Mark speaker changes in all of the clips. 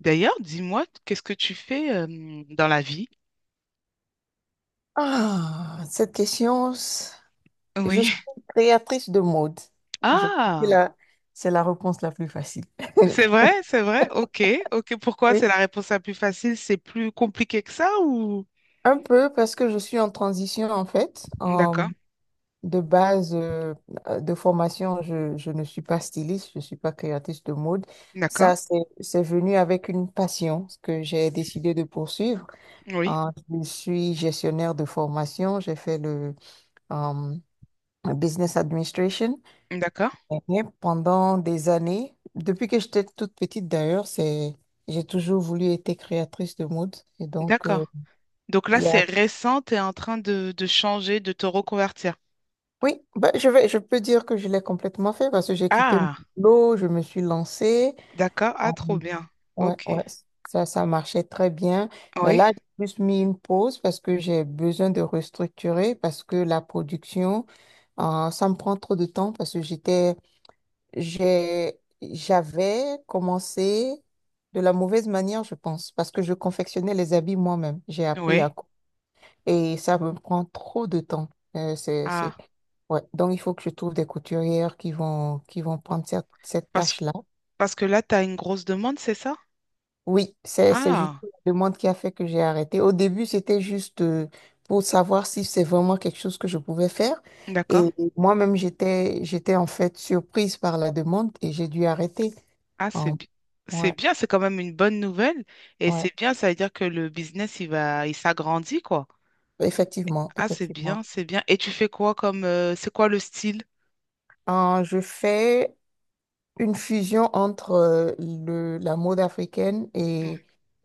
Speaker 1: D'ailleurs, dis-moi, qu'est-ce que tu fais dans la vie?
Speaker 2: Ah, cette question, je
Speaker 1: Oui.
Speaker 2: suis créatrice de mode. Je pense que
Speaker 1: Ah,
Speaker 2: là, c'est la réponse la plus facile.
Speaker 1: c'est vrai, c'est vrai. Ok, ok. Pourquoi
Speaker 2: Oui,
Speaker 1: c'est la réponse la plus facile? C'est plus compliqué que ça ou...
Speaker 2: un peu parce que je suis en transition en fait.
Speaker 1: D'accord,
Speaker 2: De base de formation, je ne suis pas styliste, je ne suis pas créatrice de mode.
Speaker 1: d'accord.
Speaker 2: Ça, c'est, c'est venu avec une passion que j'ai décidé de poursuivre.
Speaker 1: Oui,
Speaker 2: Je suis gestionnaire de formation, j'ai fait le euh, business administration.
Speaker 1: d'accord,
Speaker 2: Et pendant des années, depuis que j'étais toute petite d'ailleurs, c'est j'ai toujours voulu être créatrice de mode. Et donc,
Speaker 1: d'accord. Donc là,
Speaker 2: il y a...
Speaker 1: c'est récent, tu es en train de changer, de te reconvertir.
Speaker 2: oui, ben, je peux dire que je l'ai complètement fait parce que j'ai quitté mon
Speaker 1: Ah,
Speaker 2: boulot, je me suis lancée.
Speaker 1: d'accord.
Speaker 2: Euh,
Speaker 1: Ah, trop bien.
Speaker 2: ouais,
Speaker 1: Ok.
Speaker 2: ouais, ça marchait très bien. Mais
Speaker 1: Oui,
Speaker 2: là, j'ai plus mis une pause parce que j'ai besoin de restructurer parce que la production, ça me prend trop de temps parce que j'avais commencé de la mauvaise manière, je pense, parce que je confectionnais les habits moi-même. J'ai appris à...
Speaker 1: oui.
Speaker 2: Et ça me prend trop de temps. Euh, c'est, c'est...
Speaker 1: Ah,
Speaker 2: Ouais. Donc, il faut que je trouve des couturières qui qui vont prendre cette
Speaker 1: parce,
Speaker 2: tâche-là.
Speaker 1: parce que là, tu as une grosse demande, c'est ça?
Speaker 2: Oui, c'est juste
Speaker 1: Ah,
Speaker 2: la demande qui a fait que j'ai arrêté. Au début, c'était juste pour savoir si c'est vraiment quelque chose que je pouvais faire. Et
Speaker 1: d'accord.
Speaker 2: moi-même, j'étais en fait surprise par la demande et j'ai dû arrêter.
Speaker 1: Ah,
Speaker 2: En- ouais.
Speaker 1: c'est bien, c'est quand même une bonne nouvelle. Et
Speaker 2: Ouais.
Speaker 1: c'est bien, ça veut dire que le business, il va, il s'agrandit, quoi.
Speaker 2: Effectivement,
Speaker 1: Ah, c'est bien,
Speaker 2: effectivement.
Speaker 1: c'est bien. Et tu fais quoi comme, c'est quoi le style?
Speaker 2: Je fais une fusion entre la mode africaine
Speaker 1: Mm.
Speaker 2: et,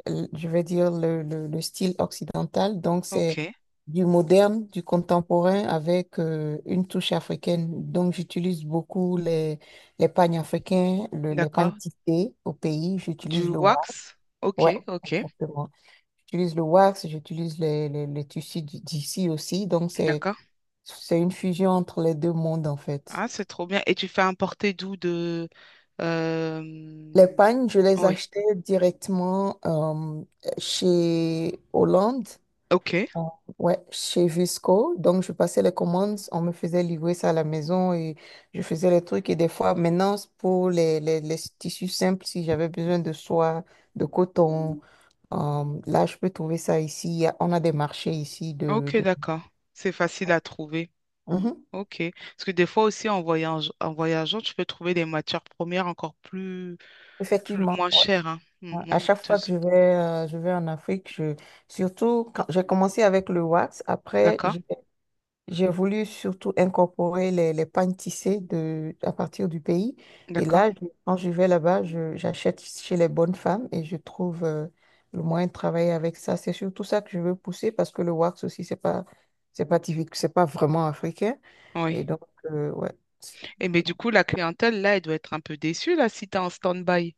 Speaker 2: je vais dire, le style occidental. Donc, c'est
Speaker 1: Ok,
Speaker 2: du moderne, du contemporain avec une touche africaine. Donc, j'utilise beaucoup les pagnes africains, les pagnes
Speaker 1: d'accord.
Speaker 2: tissés au pays. J'utilise
Speaker 1: Du
Speaker 2: le wax.
Speaker 1: wax?
Speaker 2: Ouais,
Speaker 1: Ok, ok,
Speaker 2: exactement. J'utilise le wax, j'utilise les tissus d'ici aussi.
Speaker 1: d'accord.
Speaker 2: C'est une fusion entre les deux mondes, en fait.
Speaker 1: Ah, c'est trop bien. Et tu fais importer d'où de... euh,
Speaker 2: Les pagnes, je les
Speaker 1: Oui,
Speaker 2: achetais directement chez Hollande,
Speaker 1: ok,
Speaker 2: euh, ouais, chez Visco. Donc, je passais les commandes, on me faisait livrer ça à la maison et je faisais les trucs. Et des fois, maintenant, c'est pour les tissus simples, si j'avais besoin de soie, de coton, là, je peux trouver ça ici. On a des marchés ici
Speaker 1: ok, d'accord. C'est facile à trouver.
Speaker 2: Mhm.
Speaker 1: Ok. Parce que des fois aussi, en voyage... en voyageant, tu peux trouver des matières premières encore plus... plus,
Speaker 2: Effectivement,
Speaker 1: moins
Speaker 2: ouais,
Speaker 1: chère, hein,
Speaker 2: ouais.
Speaker 1: moins
Speaker 2: À chaque fois que
Speaker 1: coûteuse.
Speaker 2: je vais en Afrique, je... surtout quand j'ai commencé avec le wax, après
Speaker 1: D'accord,
Speaker 2: j'ai voulu surtout incorporer les pagnes tissées à partir du pays. Et
Speaker 1: d'accord,
Speaker 2: là, quand je vais là-bas, j'achète chez les bonnes femmes et je trouve le moyen de travailler avec ça. C'est surtout ça que je veux pousser parce que le wax aussi, c'est pas typique, c'est pas vraiment africain. Et
Speaker 1: oui.
Speaker 2: donc, ouais.
Speaker 1: Et mais du coup, la clientèle, là, elle doit être un peu déçue, là, si t'es en stand-by,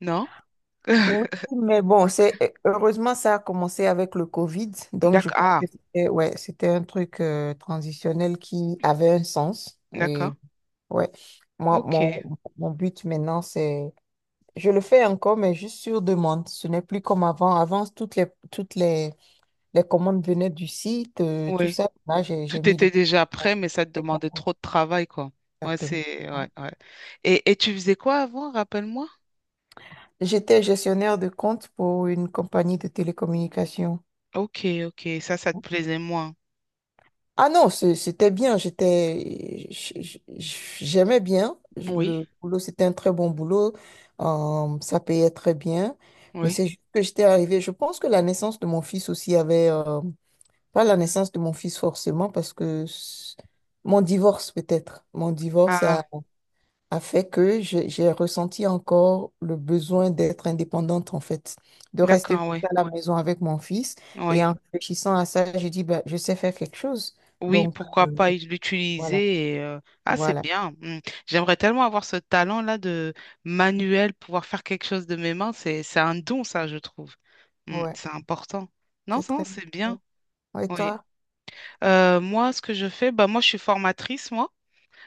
Speaker 1: non?
Speaker 2: Oui, mais bon, c'est heureusement ça a commencé avec le Covid, donc je
Speaker 1: D'accord,
Speaker 2: pense
Speaker 1: ah,
Speaker 2: que c'était ouais, c'était un truc transitionnel qui avait un sens.
Speaker 1: d'accord,
Speaker 2: Ouais. Moi,
Speaker 1: ok,
Speaker 2: mon but maintenant, c'est... Je le fais encore, mais juste sur demande. Ce n'est plus comme avant. Avant, les commandes venaient du site, tout
Speaker 1: oui.
Speaker 2: ça. Là, j'ai
Speaker 1: Tout
Speaker 2: mis le...
Speaker 1: était déjà prêt, mais ça te demandait trop de travail, quoi. Ouais,
Speaker 2: Exactement.
Speaker 1: c'est, ouais, ouais. Et tu faisais quoi avant, rappelle-moi?
Speaker 2: J'étais gestionnaire de compte pour une compagnie de télécommunications.
Speaker 1: Ok, ok, ça te plaisait moins.
Speaker 2: Ah non, c'était bien. J'aimais bien.
Speaker 1: Oui,
Speaker 2: Le boulot, c'était un très bon boulot. Ça payait très bien. Mais
Speaker 1: oui.
Speaker 2: c'est juste que j'étais arrivée. Je pense que la naissance de mon fils aussi avait, pas la naissance de mon fils forcément, parce que mon divorce peut-être,
Speaker 1: Ah,
Speaker 2: a fait que j'ai ressenti encore le besoin d'être indépendante en fait, de rester
Speaker 1: d'accord, oui,
Speaker 2: à la maison avec mon fils. Et
Speaker 1: oui.
Speaker 2: en réfléchissant à ça, j'ai dit, bah, je sais faire quelque chose.
Speaker 1: Oui,
Speaker 2: Donc,
Speaker 1: pourquoi pas
Speaker 2: voilà,
Speaker 1: l'utiliser Ah, c'est
Speaker 2: voilà.
Speaker 1: bien. Mm. J'aimerais tellement avoir ce talent-là de manuel, pouvoir faire quelque chose de mes mains. C'est un don, ça, je trouve. Mm,
Speaker 2: Ouais,
Speaker 1: c'est important. Non,
Speaker 2: c'est
Speaker 1: non,
Speaker 2: très bien.
Speaker 1: c'est bien.
Speaker 2: Ouais, Et
Speaker 1: Oui.
Speaker 2: toi?
Speaker 1: Moi, ce que je fais, bah, moi, je suis formatrice, moi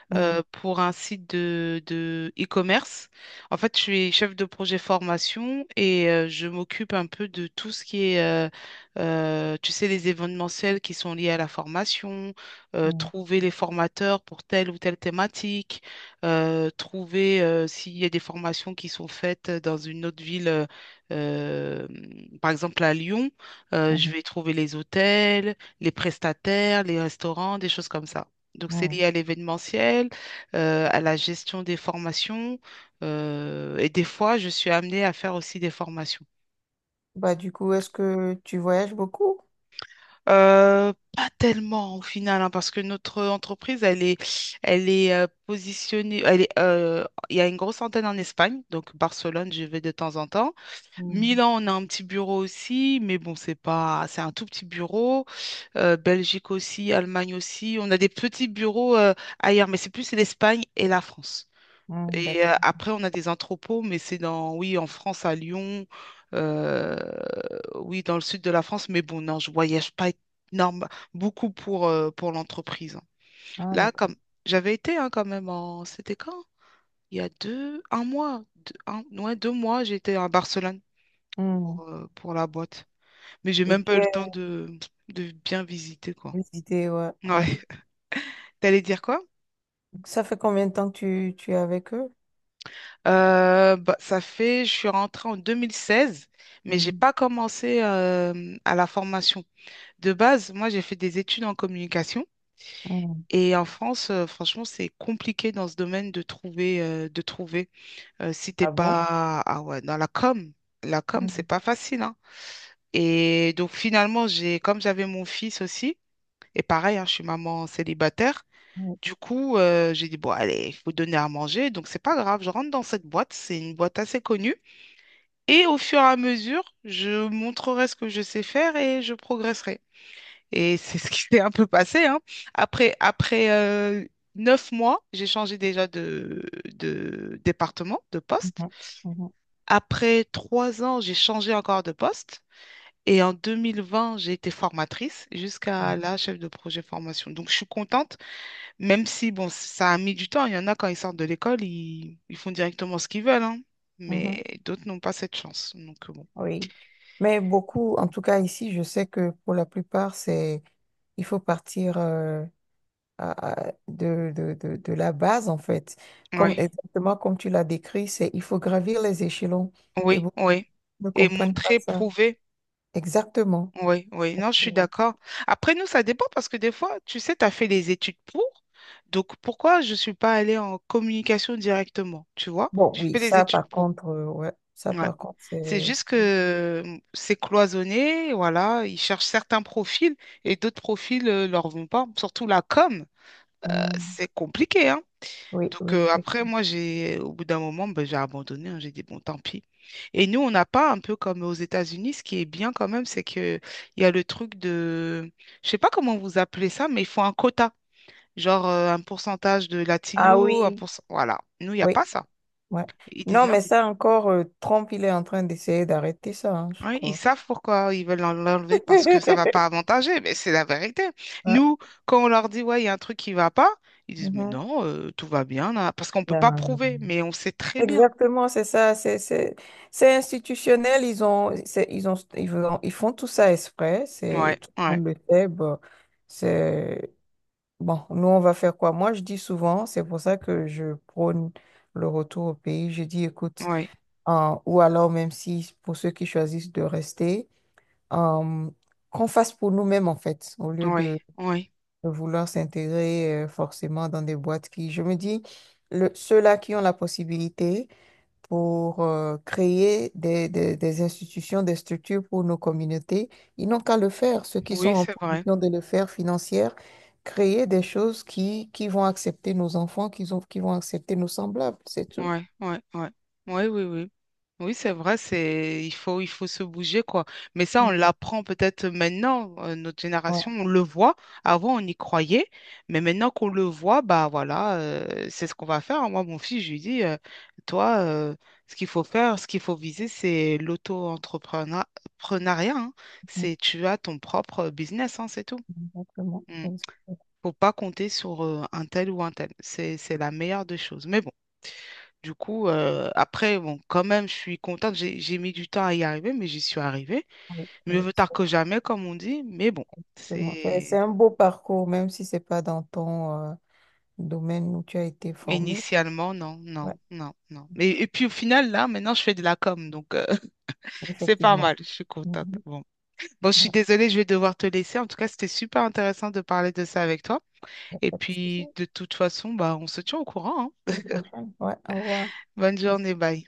Speaker 2: Hmm,
Speaker 1: pour un site de e-commerce. En fait, je suis chef de projet formation et je m'occupe un peu de tout ce qui est, tu sais, les événementiels qui sont liés à la formation,
Speaker 2: hmm,
Speaker 1: trouver les formateurs pour telle ou telle thématique, trouver s'il y a des formations qui sont faites dans une autre ville. Euh, Par exemple, à Lyon, je
Speaker 2: hmm,
Speaker 1: vais trouver les hôtels, les prestataires, les restaurants, des choses comme ça. Donc, c'est
Speaker 2: hmm.
Speaker 1: lié à l'événementiel, à la gestion des formations. Et des fois, je suis amenée à faire aussi des formations.
Speaker 2: Bah, du coup, est-ce que tu voyages beaucoup?
Speaker 1: Pas tellement au final, hein, parce que notre entreprise, elle est positionnée. Elle est, il y a une grosse antenne en Espagne, donc Barcelone, je vais de temps en temps.
Speaker 2: Hmm,
Speaker 1: Milan, on a un petit bureau aussi, mais bon, c'est pas, c'est un tout petit bureau. Belgique aussi, Allemagne aussi. On a des petits bureaux ailleurs, mais c'est plus l'Espagne et la France.
Speaker 2: hmm,
Speaker 1: Et
Speaker 2: d'accord.
Speaker 1: après, on a des entrepôts, mais c'est dans, oui, en France, à Lyon, euh, oui, dans le sud de la France. Mais bon, non, je voyage pas énorme, beaucoup pour l'entreprise. Hein.
Speaker 2: Ah,
Speaker 1: Là,
Speaker 2: d'accord.
Speaker 1: comme j'avais été hein, quand même en, c'était quand? Il y a deux, un mois, deux, un- ouais, deux mois, j'étais à Barcelone
Speaker 2: Hmm.
Speaker 1: pour la boîte. Mais j'ai
Speaker 2: Et
Speaker 1: même pas
Speaker 2: tu
Speaker 1: eu le temps
Speaker 2: as
Speaker 1: de bien visiter, quoi.
Speaker 2: visité, ouais, ouais.
Speaker 1: Ouais. T'allais dire quoi?
Speaker 2: Ça fait combien de temps que tu es avec eux?
Speaker 1: Bah, ça fait, je suis rentrée en 2016, mais j'ai
Speaker 2: Hmm,
Speaker 1: pas commencé à la formation. De base, moi, j'ai fait des études en communication.
Speaker 2: hmm.
Speaker 1: Et en France, franchement, c'est compliqué dans ce domaine de trouver, de trouver. Si t'es
Speaker 2: Ah bon?
Speaker 1: pas, ah ouais, dans la com,
Speaker 2: Hmm,
Speaker 1: c'est pas facile, hein. Et donc finalement, j'ai, comme j'avais mon fils aussi, et pareil, hein, je suis maman célibataire.
Speaker 2: hmm,
Speaker 1: Du coup, j'ai dit bon, allez, il faut donner à manger, donc c'est pas grave. Je rentre dans cette boîte, c'est une boîte assez connue. Et au fur et à mesure, je montrerai ce que je sais faire et je progresserai. Et c'est ce qui s'est un peu passé, hein. Après, 9 mois, j'ai changé déjà de département, de poste.
Speaker 2: hmm,
Speaker 1: Après 3 ans, j'ai changé encore de poste. Et en 2020, j'ai été formatrice jusqu'à
Speaker 2: hmm,
Speaker 1: là, chef de projet formation. Donc, je suis contente, même si, bon, ça a mis du temps. Il y en a quand ils sortent de l'école, ils font directement ce qu'ils veulent, hein.
Speaker 2: hmm, hmm.
Speaker 1: Mais d'autres n'ont pas cette chance. Donc, bon.
Speaker 2: Oui. Mais beaucoup, en tout cas ici, je sais que pour la plupart, il faut partir. De la base, en fait. Comme,
Speaker 1: Oui.
Speaker 2: exactement comme tu l'as décrit, c'est il faut gravir les échelons et
Speaker 1: Oui,
Speaker 2: beaucoup
Speaker 1: oui.
Speaker 2: ne
Speaker 1: Et
Speaker 2: comprennent pas
Speaker 1: montrer,
Speaker 2: ça.
Speaker 1: prouver.
Speaker 2: Exactement.
Speaker 1: Oui, oui. Non, je suis
Speaker 2: Exactement.
Speaker 1: d'accord. Après, nous, ça dépend parce que des fois, tu sais, tu as fait les études pour. Donc, pourquoi je ne suis pas allée en communication directement? Tu vois?
Speaker 2: Bon,
Speaker 1: J'ai
Speaker 2: oui,
Speaker 1: fait les
Speaker 2: ça
Speaker 1: études
Speaker 2: par
Speaker 1: pour.
Speaker 2: contre, ouais, ça
Speaker 1: Ouais.
Speaker 2: par contre,
Speaker 1: C'est juste que c'est cloisonné, voilà. Ils cherchent certains profils et d'autres profils ne leur vont pas. Surtout la com,
Speaker 2: hum,
Speaker 1: c'est compliqué, hein.
Speaker 2: oui,
Speaker 1: Donc
Speaker 2: oui,
Speaker 1: après,
Speaker 2: effectivement.
Speaker 1: moi, j'ai, au bout d'un moment, ben, j'ai abandonné. Hein. J'ai dit, bon, tant pis. Et nous, on n'a pas un peu comme aux États-Unis. Ce qui est bien quand même, c'est que il y a le truc de, je sais pas comment vous appelez ça, mais il faut un quota. Genre un pourcentage de
Speaker 2: Ah
Speaker 1: latinos, un
Speaker 2: oui,
Speaker 1: pourcent... Voilà. Nous, il n'y a
Speaker 2: oui,
Speaker 1: pas ça.
Speaker 2: ouais.
Speaker 1: Ils disent
Speaker 2: Non,
Speaker 1: non.
Speaker 2: mais ça encore, Trump, il est en train d'essayer d'arrêter ça, hein, je
Speaker 1: Oui, ils
Speaker 2: crois.
Speaker 1: savent pourquoi ils veulent l'enlever parce que ça va pas avantager, mais c'est la vérité.
Speaker 2: Ouais.
Speaker 1: Nous, quand on leur dit, ouais, il y a un truc qui va pas, ils disent, mais
Speaker 2: Mhm.
Speaker 1: non, tout va bien, là, parce qu'on peut
Speaker 2: Non,
Speaker 1: pas
Speaker 2: non.
Speaker 1: prouver, mais on sait très bien.
Speaker 2: Exactement, c'est institutionnel, ils ont c'est- ils ont ils font tout ça exprès, c'est
Speaker 1: Ouais,
Speaker 2: tout le
Speaker 1: ouais.
Speaker 2: monde le sait, bon, c'est bon, nous on va faire quoi? Moi je dis souvent, c'est pour ça que je prône le retour au pays, je dis écoute,
Speaker 1: Oui,
Speaker 2: ou alors même si pour ceux qui choisissent de rester, euh, qu'on fasse pour nous-mêmes en fait, au lieu
Speaker 1: oui, oui,
Speaker 2: de vouloir s'intégrer forcément dans des boîtes qui, je me dis, ceux-là qui ont la possibilité pour créer des institutions, des structures pour nos communautés. Ils n'ont qu'à le faire, ceux qui sont
Speaker 1: oui,
Speaker 2: en
Speaker 1: c'est vrai.
Speaker 2: position de le faire financière, créer des choses qui vont accepter nos enfants, qui vont accepter nos semblables, c'est tout.
Speaker 1: Oui, oui, oui. Oui, oui, oui. Oui, c'est vrai, c'est il faut se bouger quoi. Mais ça
Speaker 2: Mm.
Speaker 1: on l'apprend peut-être maintenant notre
Speaker 2: Ouais,
Speaker 1: génération, on le voit. Avant on y croyait, mais maintenant qu'on le voit, bah voilà, c'est ce qu'on va faire. Moi mon fils je lui dis toi ce qu'il faut faire, ce qu'il faut viser c'est l'auto-entrepreneuriat, hein.
Speaker 2: mm,
Speaker 1: C'est tu as ton propre business hein, c'est tout.
Speaker 2: exactement.
Speaker 1: Mm.
Speaker 2: Exactement.
Speaker 1: Faut pas compter sur un tel ou un tel. C'est la meilleure des choses. Mais bon, du coup, après, bon, quand même, je suis contente. J'ai mis du temps à y arriver, mais j'y suis arrivée.
Speaker 2: Oui,
Speaker 1: Mieux
Speaker 2: oui,
Speaker 1: vaut tard que jamais, comme on dit. Mais bon,
Speaker 2: exactement. C'est
Speaker 1: c'est
Speaker 2: un beau parcours, même si c'est pas dans ton domaine où tu as été formé. C'est-
Speaker 1: initialement, non,
Speaker 2: Ouais,
Speaker 1: non, non, non. Mais, et puis au final, là, maintenant, je fais de la com, donc c'est pas mal.
Speaker 2: effectivement.
Speaker 1: Je suis contente.
Speaker 2: Mhm.
Speaker 1: Bon. Bon, je suis
Speaker 2: Ouais,
Speaker 1: désolée, je vais devoir te laisser. En tout cas, c'était super intéressant de parler de ça avec toi.
Speaker 2: y a
Speaker 1: Et
Speaker 2: pas de souci.
Speaker 1: puis, de toute façon, bah, on se tient au courant, hein.
Speaker 2: À la prochaine. Ouais, au revoir.
Speaker 1: Bonne journée, bye.